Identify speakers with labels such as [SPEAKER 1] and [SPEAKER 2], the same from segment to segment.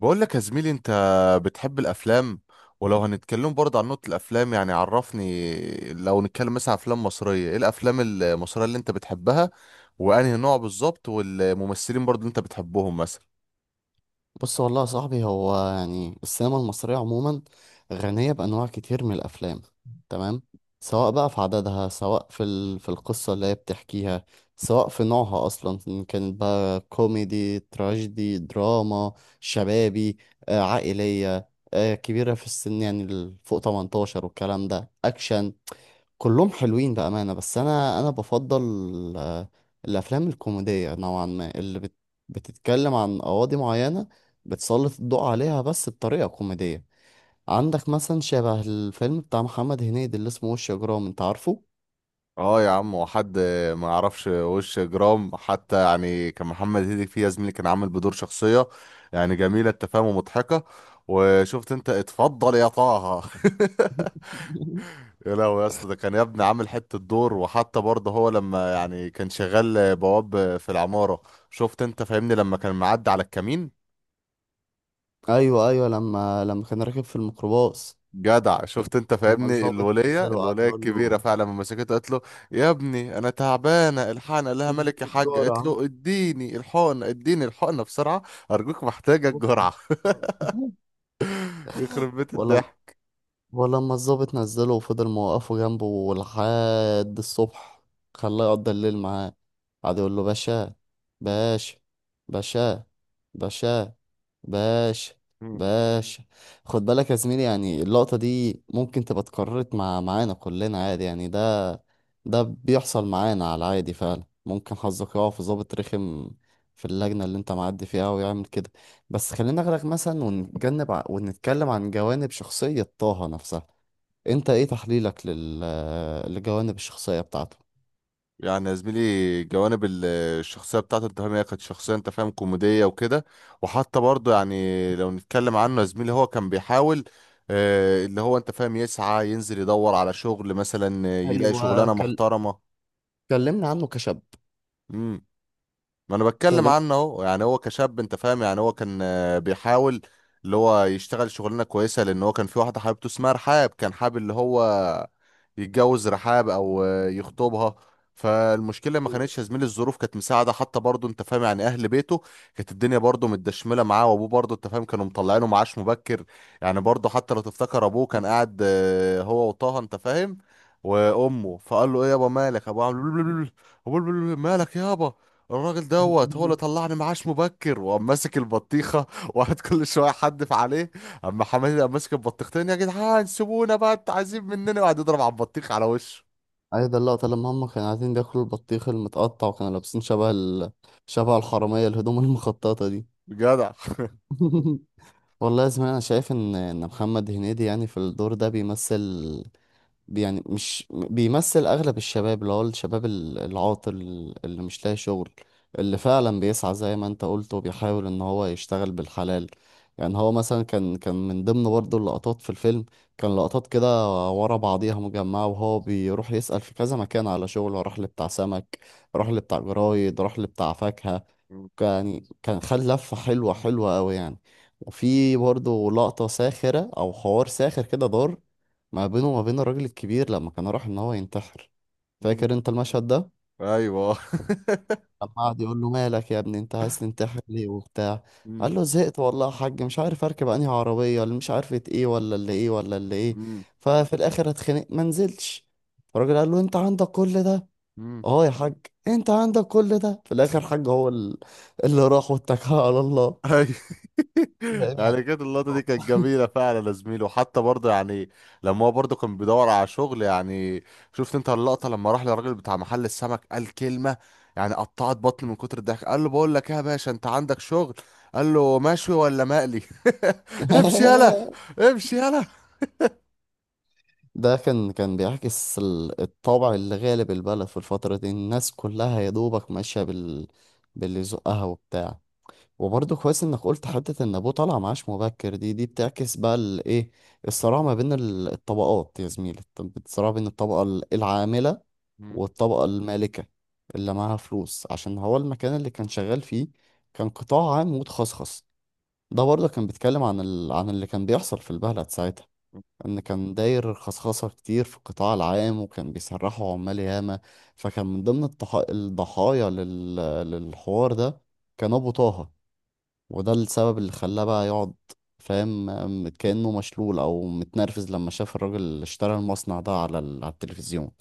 [SPEAKER 1] بقول لك يا زميلي، انت بتحب الافلام؟ ولو هنتكلم برضه عن نقطة الافلام، يعني عرفني، لو نتكلم مثلا عن افلام مصرية، ايه الافلام المصرية اللي انت بتحبها؟ وانهي نوع بالظبط، والممثلين برضه اللي انت بتحبهم مثلا؟
[SPEAKER 2] بص والله يا صاحبي، هو يعني السينما المصرية عموما غنية بأنواع كتير من الأفلام. تمام. سواء بقى في عددها، سواء في القصة اللي هي بتحكيها، سواء في نوعها أصلا إن كانت بقى كوميدي تراجيدي دراما شبابي عائلية كبيرة في السن، يعني فوق 18 والكلام ده أكشن. كلهم حلوين بأمانة، بس أنا بفضل آه، الأفلام الكوميدية نوعا ما، اللي بتتكلم عن قواضي معينة، بتسلط الضوء عليها بس بطريقة كوميدية. عندك مثلا شبه الفيلم بتاع محمد هنيدي اللي اسمه وش إجرام، أنت عارفه؟
[SPEAKER 1] اه يا عم، وحد ما يعرفش وش جرام؟ حتى يعني كان محمد هنيدي فيه يا زميلي كان عامل بدور شخصية يعني جميلة التفاهم ومضحكة. وشفت انت، اتفضل يا طه. يا لهوي يا اسطى، ده كان يا ابني عامل حته دور. وحتى برضه هو لما يعني كان شغال بواب في العماره، شفت انت فاهمني، لما كان معدي على الكمين.
[SPEAKER 2] أيوه أيوه، لما كان راكب في الميكروباص،
[SPEAKER 1] جدع، شفت انت
[SPEAKER 2] لما
[SPEAKER 1] فاهمني،
[SPEAKER 2] الضابط
[SPEAKER 1] الوليه
[SPEAKER 2] نزله وقعد
[SPEAKER 1] الوليه
[SPEAKER 2] يقول
[SPEAKER 1] الكبيره
[SPEAKER 2] له
[SPEAKER 1] فعلا لما مسكته قالت له: يا ابني انا تعبانه، الحقني. قال لها:
[SPEAKER 2] اديني
[SPEAKER 1] مالك يا حاج؟ قالت
[SPEAKER 2] الجرعة.
[SPEAKER 1] له: اديني الحقنه، اديني الحقنه بسرعه، ارجوك محتاجه الجرعه. يخرب بيت
[SPEAKER 2] ولا ولما الضابط نزله وفضل موقفه جنبه لحد الصبح، خلاه يقضي الليل معاه، قعد يقول له باشا،
[SPEAKER 1] الضحك.
[SPEAKER 2] باشا، باشا، باشا، باشا، باشا. خد بالك يا زميلي، يعني اللقطة دي ممكن تبقى اتكررت معانا كلنا عادي، يعني ده بيحصل معانا على العادي فعلا، ممكن حظك يقع في ضابط رخم في اللجنة اللي انت معدي فيها ويعمل كده. بس خلينا نغرق مثلا ونتجنب ونتكلم عن جوانب شخصية طه نفسها. انت ايه تحليلك لجوانب الشخصية بتاعته؟
[SPEAKER 1] يعني يا زميلي، الشخصية بتاعته، انت فاهم، هي كانت شخصية، انت فاهم، كوميدية وكده. وحتى برضه يعني لو نتكلم عنه يا زميلي، هو كان بيحاول، اللي هو انت فاهم يسعى ينزل يدور على شغل مثلا، يلاقي
[SPEAKER 2] ايوه،
[SPEAKER 1] شغلانة محترمة.
[SPEAKER 2] كلمني عنه كشاب.
[SPEAKER 1] ما انا بتكلم
[SPEAKER 2] كلمني.
[SPEAKER 1] عنه اهو، يعني هو كشاب انت فاهم، يعني هو كان بيحاول اللي هو يشتغل شغلانه كويسه، لان هو كان في واحده حبيبته اسمها رحاب، كان حابب اللي هو يتجوز رحاب او يخطبها. فالمشكله ما
[SPEAKER 2] ايوه.
[SPEAKER 1] كانتش يا زميلي الظروف كانت مساعده، حتى برضه انت فاهم، يعني اهل بيته كانت الدنيا برضه متدشمله معاه، وابوه برضه انت فاهم كانوا مطلعينه معاش مبكر. يعني برضه حتى لو تفتكر ابوه كان قاعد، هو وطه انت فاهم، وامه، فقال له: ايه يابا مالك؟ ابوه عامل مالك يابا، الراجل دوت هو اللي طلعني معاش مبكر، وقام ماسك البطيخه وقعد كل شويه حدف عليه. اما حماتي قام ماسك البطيختين: يا جدعان سيبونا بقى، انتوا عايزين مننا؟ وقعد يضرب على البطيخ على وشه.
[SPEAKER 2] عايز اللقطة لما هم كانوا قاعدين بياكلوا البطيخ المتقطع وكانوا لابسين شبه الحرامية، الهدوم المخططة دي.
[SPEAKER 1] جدع.
[SPEAKER 2] والله يا زميلي، انا شايف ان محمد هنيدي يعني في الدور ده بيمثل، يعني مش بيمثل اغلب الشباب، اللي هو الشباب العاطل، اللي مش لاقي شغل، اللي فعلا بيسعى زي ما انت قلت وبيحاول ان هو يشتغل بالحلال. يعني هو مثلا كان من ضمن برضه اللقطات في الفيلم، كان لقطات كده ورا بعضيها مجمعة وهو بيروح يسأل في كذا مكان على شغل، راح لبتاع سمك، راح لبتاع جرايد، راح لبتاع فاكهة.
[SPEAKER 1] مم.
[SPEAKER 2] يعني كان خد لفة حلوة حلوة أوي يعني. وفي برضه لقطة ساخرة أو حوار ساخر كده دار ما بينه وما بين الراجل الكبير لما كان راح ان هو ينتحر.
[SPEAKER 1] مم.
[SPEAKER 2] فاكر انت المشهد ده؟
[SPEAKER 1] ايوه.
[SPEAKER 2] لما قعد يقول له مالك يا ابني، انت عايز تنتحر ليه وبتاع؟
[SPEAKER 1] مم.
[SPEAKER 2] قال له زهقت والله يا حاج، مش عارف اركب انهي عربيه، اللي مش عارفه ايه، ولا اللي ايه، ولا اللي ايه.
[SPEAKER 1] مم.
[SPEAKER 2] ففي الاخر اتخنق ما نزلش. فالراجل قال له انت عندك كل ده؟
[SPEAKER 1] مم.
[SPEAKER 2] اه يا حاج. انت عندك كل ده في الاخر حاج، هو اللي راح واتكل على الله.
[SPEAKER 1] أي.
[SPEAKER 2] فاهم يعني.
[SPEAKER 1] يعني كانت اللقطة دي كانت جميلة فعلا يا زميلي. وحتى برضه يعني لما هو برضه كان بيدور على شغل، يعني شفت انت اللقطة لما راح للراجل بتاع محل السمك، قال كلمة يعني قطعت بطني من كتر الضحك. قال له: بقول لك ايه يا باشا، انت عندك شغل؟ قال له: مشوي ولا مقلي؟ امشي يلا، امشي يلا.
[SPEAKER 2] ده كان بيعكس الطابع اللي غالب البلد في الفترة دي، الناس كلها يا دوبك ماشية باللي يزقها وبتاع. وبرضه كويس انك قلت حتة ان ابوه طالع معاش مبكر، دي بتعكس بقى الايه، الصراع ما بين الطبقات يا زميلي، الصراع بين الطبقة العاملة والطبقة المالكة، اللي معاها فلوس، عشان هو المكان اللي كان شغال فيه كان قطاع عام متخصص. ده برضه كان بيتكلم عن عن اللي كان بيحصل في البلد ساعتها، ان كان داير خصخصة كتير في القطاع العام وكان بيسرحوا عمال ياما، فكان من ضمن الضحايا للحوار ده كان ابو طه. وده السبب اللي خلاه بقى يقعد، فاهم، كأنه مشلول او متنرفز لما شاف الراجل اللي اشترى المصنع ده على على التلفزيون.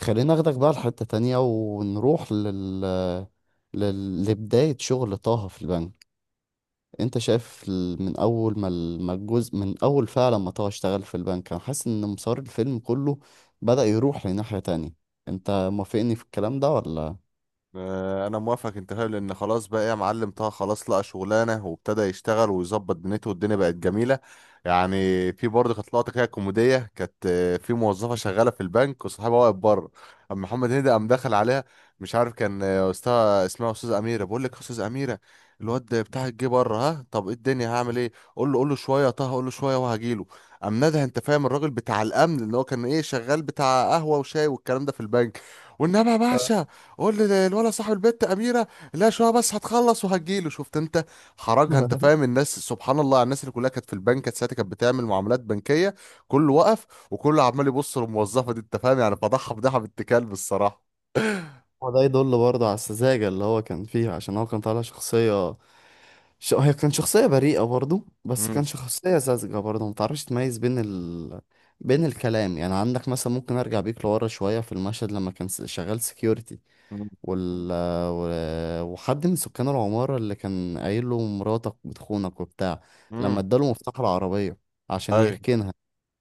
[SPEAKER 2] خلينا اخدك بقى لحتة تانية ونروح لبداية شغل طه في البنك. انت شايف من اول ما ما الجزء من اول فعلا ما طه اشتغل في البنك، انا حاسس ان مسار الفيلم كله بدأ يروح لناحية تانية. انت موافقني في الكلام ده ولا؟
[SPEAKER 1] انا موافق، انت فاهم، لان خلاص بقى إيه، يا معلم طه خلاص لقى شغلانه وابتدى يشتغل ويظبط دنيته، والدنيا بقت جميله يعني. في برضه كانت لقطه كده كوميديه، كانت في موظفه شغاله في البنك وصاحبها واقف بره، اما محمد هنيدي قام دخل عليها. مش عارف كان استاذ، اسمها استاذ اميره. بقول لك يا استاذ اميره، الواد بتاعك جه بره. ها، طب ايه الدنيا، هعمل ايه؟ قول له قول له شويه يا طه، قول له شويه وهجيله. قام نادى، انت فاهم، الراجل بتاع الامن، اللي هو كان ايه، شغال بتاع قهوه وشاي والكلام ده في البنك. وانما يا
[SPEAKER 2] آه.
[SPEAKER 1] باشا، قول لي الولد صاحب البت اميره: لا شويه بس هتخلص وهتجيله. شفت انت، حرجها انت فاهم. الناس سبحان الله، على الناس اللي كلها كانت في البنك، كانت ساعتها كانت بتعمل معاملات بنكيه، كله وقف وكله عمال يبص للموظفه دي. انت فاهم يعني فضحها، فضحها بنت كلب الصراحه.
[SPEAKER 2] وده يدل برضه على السذاجة اللي هو كان فيها، عشان هو كان طالع شخصية، هي كان شخصية بريئة برضه، بس كان
[SPEAKER 1] مم.
[SPEAKER 2] شخصية ساذجة برضه، متعرفش تميز بين بين الكلام. يعني عندك مثلا، ممكن ارجع بيك لورا شوية في المشهد لما كان شغال security
[SPEAKER 1] مم.
[SPEAKER 2] وال... وحد من سكان العمارة اللي كان قايل له مراتك بتخونك وبتاع، لما
[SPEAKER 1] مم.
[SPEAKER 2] اداله مفتاح العربية عشان
[SPEAKER 1] ايوه.
[SPEAKER 2] يركنها،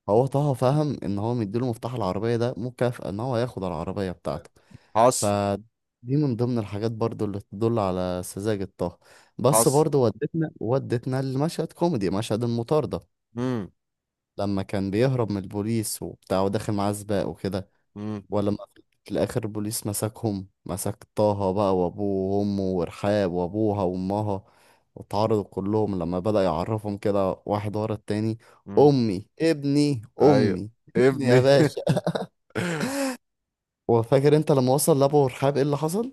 [SPEAKER 2] هو طه فهم ان هو مديله مفتاح العربية ده مكافأة ان هو هياخد العربية بتاعته.
[SPEAKER 1] حصل.
[SPEAKER 2] فدي من ضمن الحاجات برضو اللي تدل على سذاجة طه. بس
[SPEAKER 1] حصل.
[SPEAKER 2] برضو ودتنا لمشهد كوميدي، مشهد المطاردة،
[SPEAKER 1] مم.
[SPEAKER 2] لما كان بيهرب من البوليس وبتاع وداخل معاه سباق وكده.
[SPEAKER 1] مم.
[SPEAKER 2] ولا ما في الاخر البوليس مسكهم، مسك طه بقى وابوه وامه ورحاب وابوها وامها، واتعرضوا كلهم لما بدأ يعرفهم كده واحد ورا التاني.
[SPEAKER 1] مم.
[SPEAKER 2] امي، ابني،
[SPEAKER 1] ايوه.
[SPEAKER 2] امي، ابني يا
[SPEAKER 1] ابني.
[SPEAKER 2] باشا. وفاكر انت لما وصل لابو رحاب ايه اللي حصل؟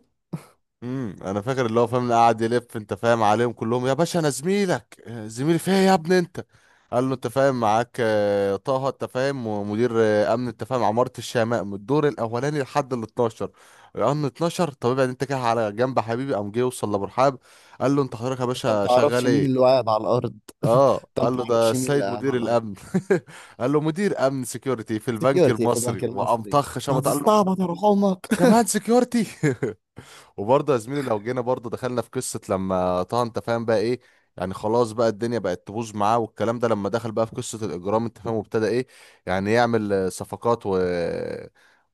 [SPEAKER 1] انا فاكر، اللي هو فاهم اللي قاعد يلف انت فاهم عليهم كلهم: يا باشا انا زميلك، زميلي فيا يا ابني انت. قال له: انت فاهم معاك، طه، انت فاهم، ومدير، امن، انت فاهم، عمارة الشماء من الدور الاولاني لحد ال 12. قال له: 12؟ طب ابعد انت كده على جنب يا حبيبي. قام جه وصل لابو رحاب، قال له: انت حضرتك يا
[SPEAKER 2] انت
[SPEAKER 1] باشا
[SPEAKER 2] متعرفش
[SPEAKER 1] شغال
[SPEAKER 2] مين اللي
[SPEAKER 1] ايه؟
[SPEAKER 2] قاعد على الارض؟
[SPEAKER 1] اه
[SPEAKER 2] انت
[SPEAKER 1] قال له: ده
[SPEAKER 2] متعرفش مين اللي
[SPEAKER 1] السيد
[SPEAKER 2] قاعد
[SPEAKER 1] مدير
[SPEAKER 2] على الارض؟
[SPEAKER 1] الامن. قال له: مدير امن، سكيورتي في البنك
[SPEAKER 2] سكيورتي في
[SPEAKER 1] المصري.
[SPEAKER 2] البنك
[SPEAKER 1] وقام
[SPEAKER 2] المصري.
[SPEAKER 1] طخ شمط قال له:
[SPEAKER 2] هتستعبط يا روح امك.
[SPEAKER 1] كمان سكيورتي؟ وبرضه يا زميلي، لو جينا برضه دخلنا في قصة لما طه انت فاهم بقى ايه، يعني خلاص بقى الدنيا بقت تبوظ معاه والكلام ده، لما دخل بقى في قصة الإجرام انت فاهم، وابتدى ايه، يعني يعمل صفقات، و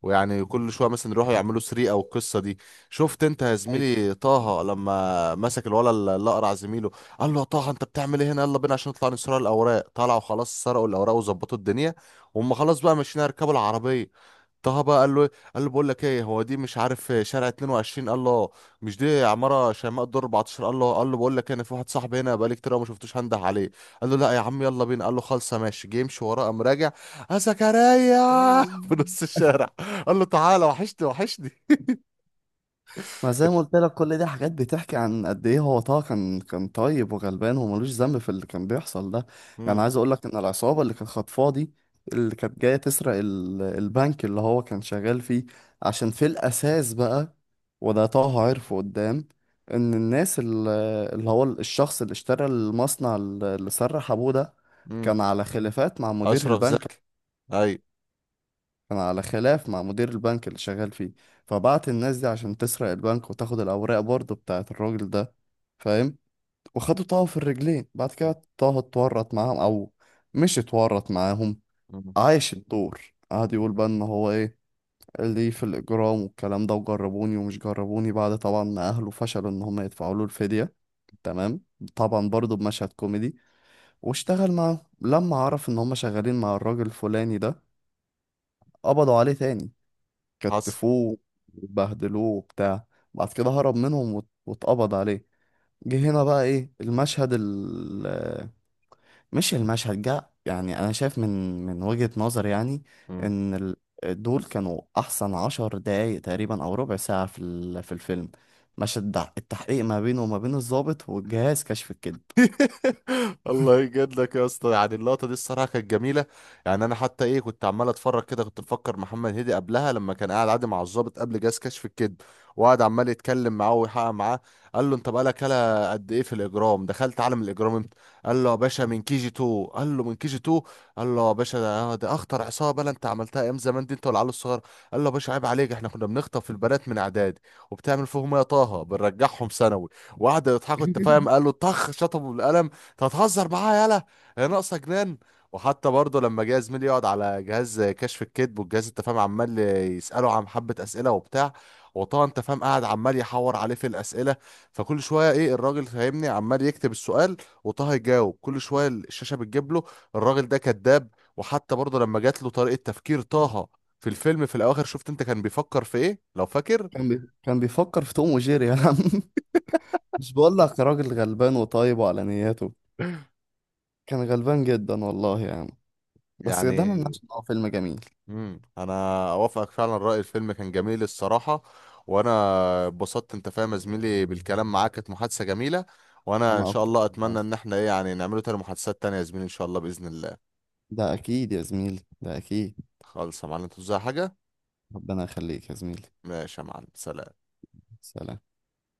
[SPEAKER 1] ويعني كل شوية مثلا يروحوا يعملوا سرقة والقصة دي. شفت انت يا
[SPEAKER 2] ايوه،
[SPEAKER 1] زميلي طه لما مسك الولد اللي اقرع زميله، قال له: يا طه انت بتعمل ايه هنا؟ يلا بينا عشان نطلع نسرق الاوراق. طلعوا خلاص سرقوا الاوراق وظبطوا الدنيا، وهم خلاص بقى ماشيين يركبوا العربية. طه بقى قال له: بقول لك ايه، هو دي مش عارف شارع 22؟ قال له: آه. مش دي عماره شيماء الدور 14؟ قال له: بقول لك إيه، انا في واحد صاحبي هنا بقالي كتير أوي ما شفتوش، هنده عليه. قال له: لا يا عم يلا بينا. قال له: خالصه ماشي. جه يمشي وراه قام راجع: يا زكريا. في نص الشارع قال له: تعالى وحشني وحشني.
[SPEAKER 2] ما زي ما قلت لك، كل دي حاجات بتحكي عن قد ايه هو طه كان طيب وغلبان وملوش ذنب في اللي كان بيحصل ده. يعني
[SPEAKER 1] امم
[SPEAKER 2] عايز اقول لك ان العصابه اللي كانت خاطفاه دي، اللي كانت جايه تسرق البنك اللي هو كان شغال فيه، عشان في الاساس بقى، وده طه عرفه قدام، ان الناس اللي هو الشخص اللي اشترى المصنع اللي سرح ابوه ده
[SPEAKER 1] امم
[SPEAKER 2] كان على خلافات مع مدير
[SPEAKER 1] اشرف
[SPEAKER 2] البنك.
[SPEAKER 1] زكي. اي.
[SPEAKER 2] كان على خلاف مع مدير البنك اللي شغال فيه، فبعت الناس دي عشان تسرق البنك وتاخد الأوراق برضه بتاعة الراجل ده، فاهم. وخدوا طه في الرجلين. بعد كده طه اتورط معاهم، أو مش اتورط معاهم،
[SPEAKER 1] مم.
[SPEAKER 2] عايش الدور. قعد يقول بقى إن هو إيه ليه في الإجرام والكلام ده، وجربوني ومش جربوني، بعد طبعا ما أهله فشلوا إن هم يدفعوا له الفدية، تمام. طبعا برضه بمشهد كوميدي، واشتغل معاهم لما عرف إن هم شغالين مع الراجل الفلاني ده، قبضوا عليه تاني،
[SPEAKER 1] حصل.
[SPEAKER 2] كتفوه وبهدلوه وبتاع. بعد كده هرب منهم واتقبض عليه. جه هنا بقى ايه المشهد مش المشهد جه. يعني انا شايف من وجهة نظر يعني ان دول كانوا احسن 10 دقايق تقريبا او ربع ساعة في في الفيلم، مشهد التحقيق ما بينه وما بين الضابط والجهاز كشف الكذب.
[SPEAKER 1] الله يجد لك يا اسطى، يعني اللقطه دي الصراحه كانت جميله. يعني انا حتى ايه، كنت عمال اتفرج كده، كنت مفكر محمد هدي قبلها لما كان قاعد عادي مع الضابط قبل جهاز كشف الكذب، وقعد عمال يتكلم معاه ويحقق معاه. قال له: انت بقالك هلا قد ايه في الاجرام؟ دخلت عالم الاجرام امتى؟ قال له: يا باشا من كي جي 2. قال له: من كي جي 2؟ قال له: يا باشا ده اخطر عصابه، لا انت عملتها ايام زمان دي انت والعيال الصغير. قال له: يا باشا عيب عليك، احنا كنا بنخطف البنات من اعدادي. وبتعمل فيهم إيه يا طه؟ بنرجعهم ثانوي. وقعدوا يضحكوا، انت فاهم، قال له طخ شطبه بالقلم: انت هتهزر معاها؟ يالا هي ناقصه جنان. وحتى برضه لما جه زميلي يقعد على جهاز كشف الكذب، والجهاز انت فاهم عمال يساله عن حبه اسئله وبتاع، وطبعا انت فاهم قاعد عمال يحور عليه في الاسئله، فكل شويه ايه الراجل فاهمني عمال يكتب السؤال، وطه يجاوب، كل شويه الشاشه بتجيب له: الراجل ده كذاب. وحتى برضه لما جات له طريقه تفكير طه في الفيلم في الاواخر، شفت انت كان بيفكر في ايه لو فاكر؟
[SPEAKER 2] كان بيفكر في توم وجيري يا عم. مش بقول لك راجل غلبان وطيب وعلى نياته، كان غلبان جدا والله يا عم. بس ده ما
[SPEAKER 1] يعني.
[SPEAKER 2] يمنعش ان هو فيلم جميل.
[SPEAKER 1] انا اوافقك فعلا الراي، الفيلم كان جميل الصراحه. وانا اتبسطت انت فاهم يا زميلي بالكلام معاك، كانت محادثه جميله. وانا ان
[SPEAKER 2] انا
[SPEAKER 1] شاء
[SPEAKER 2] اكتر
[SPEAKER 1] الله
[SPEAKER 2] والله.
[SPEAKER 1] اتمنى ان احنا ايه، يعني نعمله تاني محادثات تانية يا زميلي، ان شاء الله باذن الله.
[SPEAKER 2] ده اكيد يا زميلي، ده اكيد.
[SPEAKER 1] خالص يا معلم، انت عايز حاجه؟
[SPEAKER 2] ربنا يخليك يا زميلي.
[SPEAKER 1] ماشي يا معلم، سلام.
[SPEAKER 2] سلام.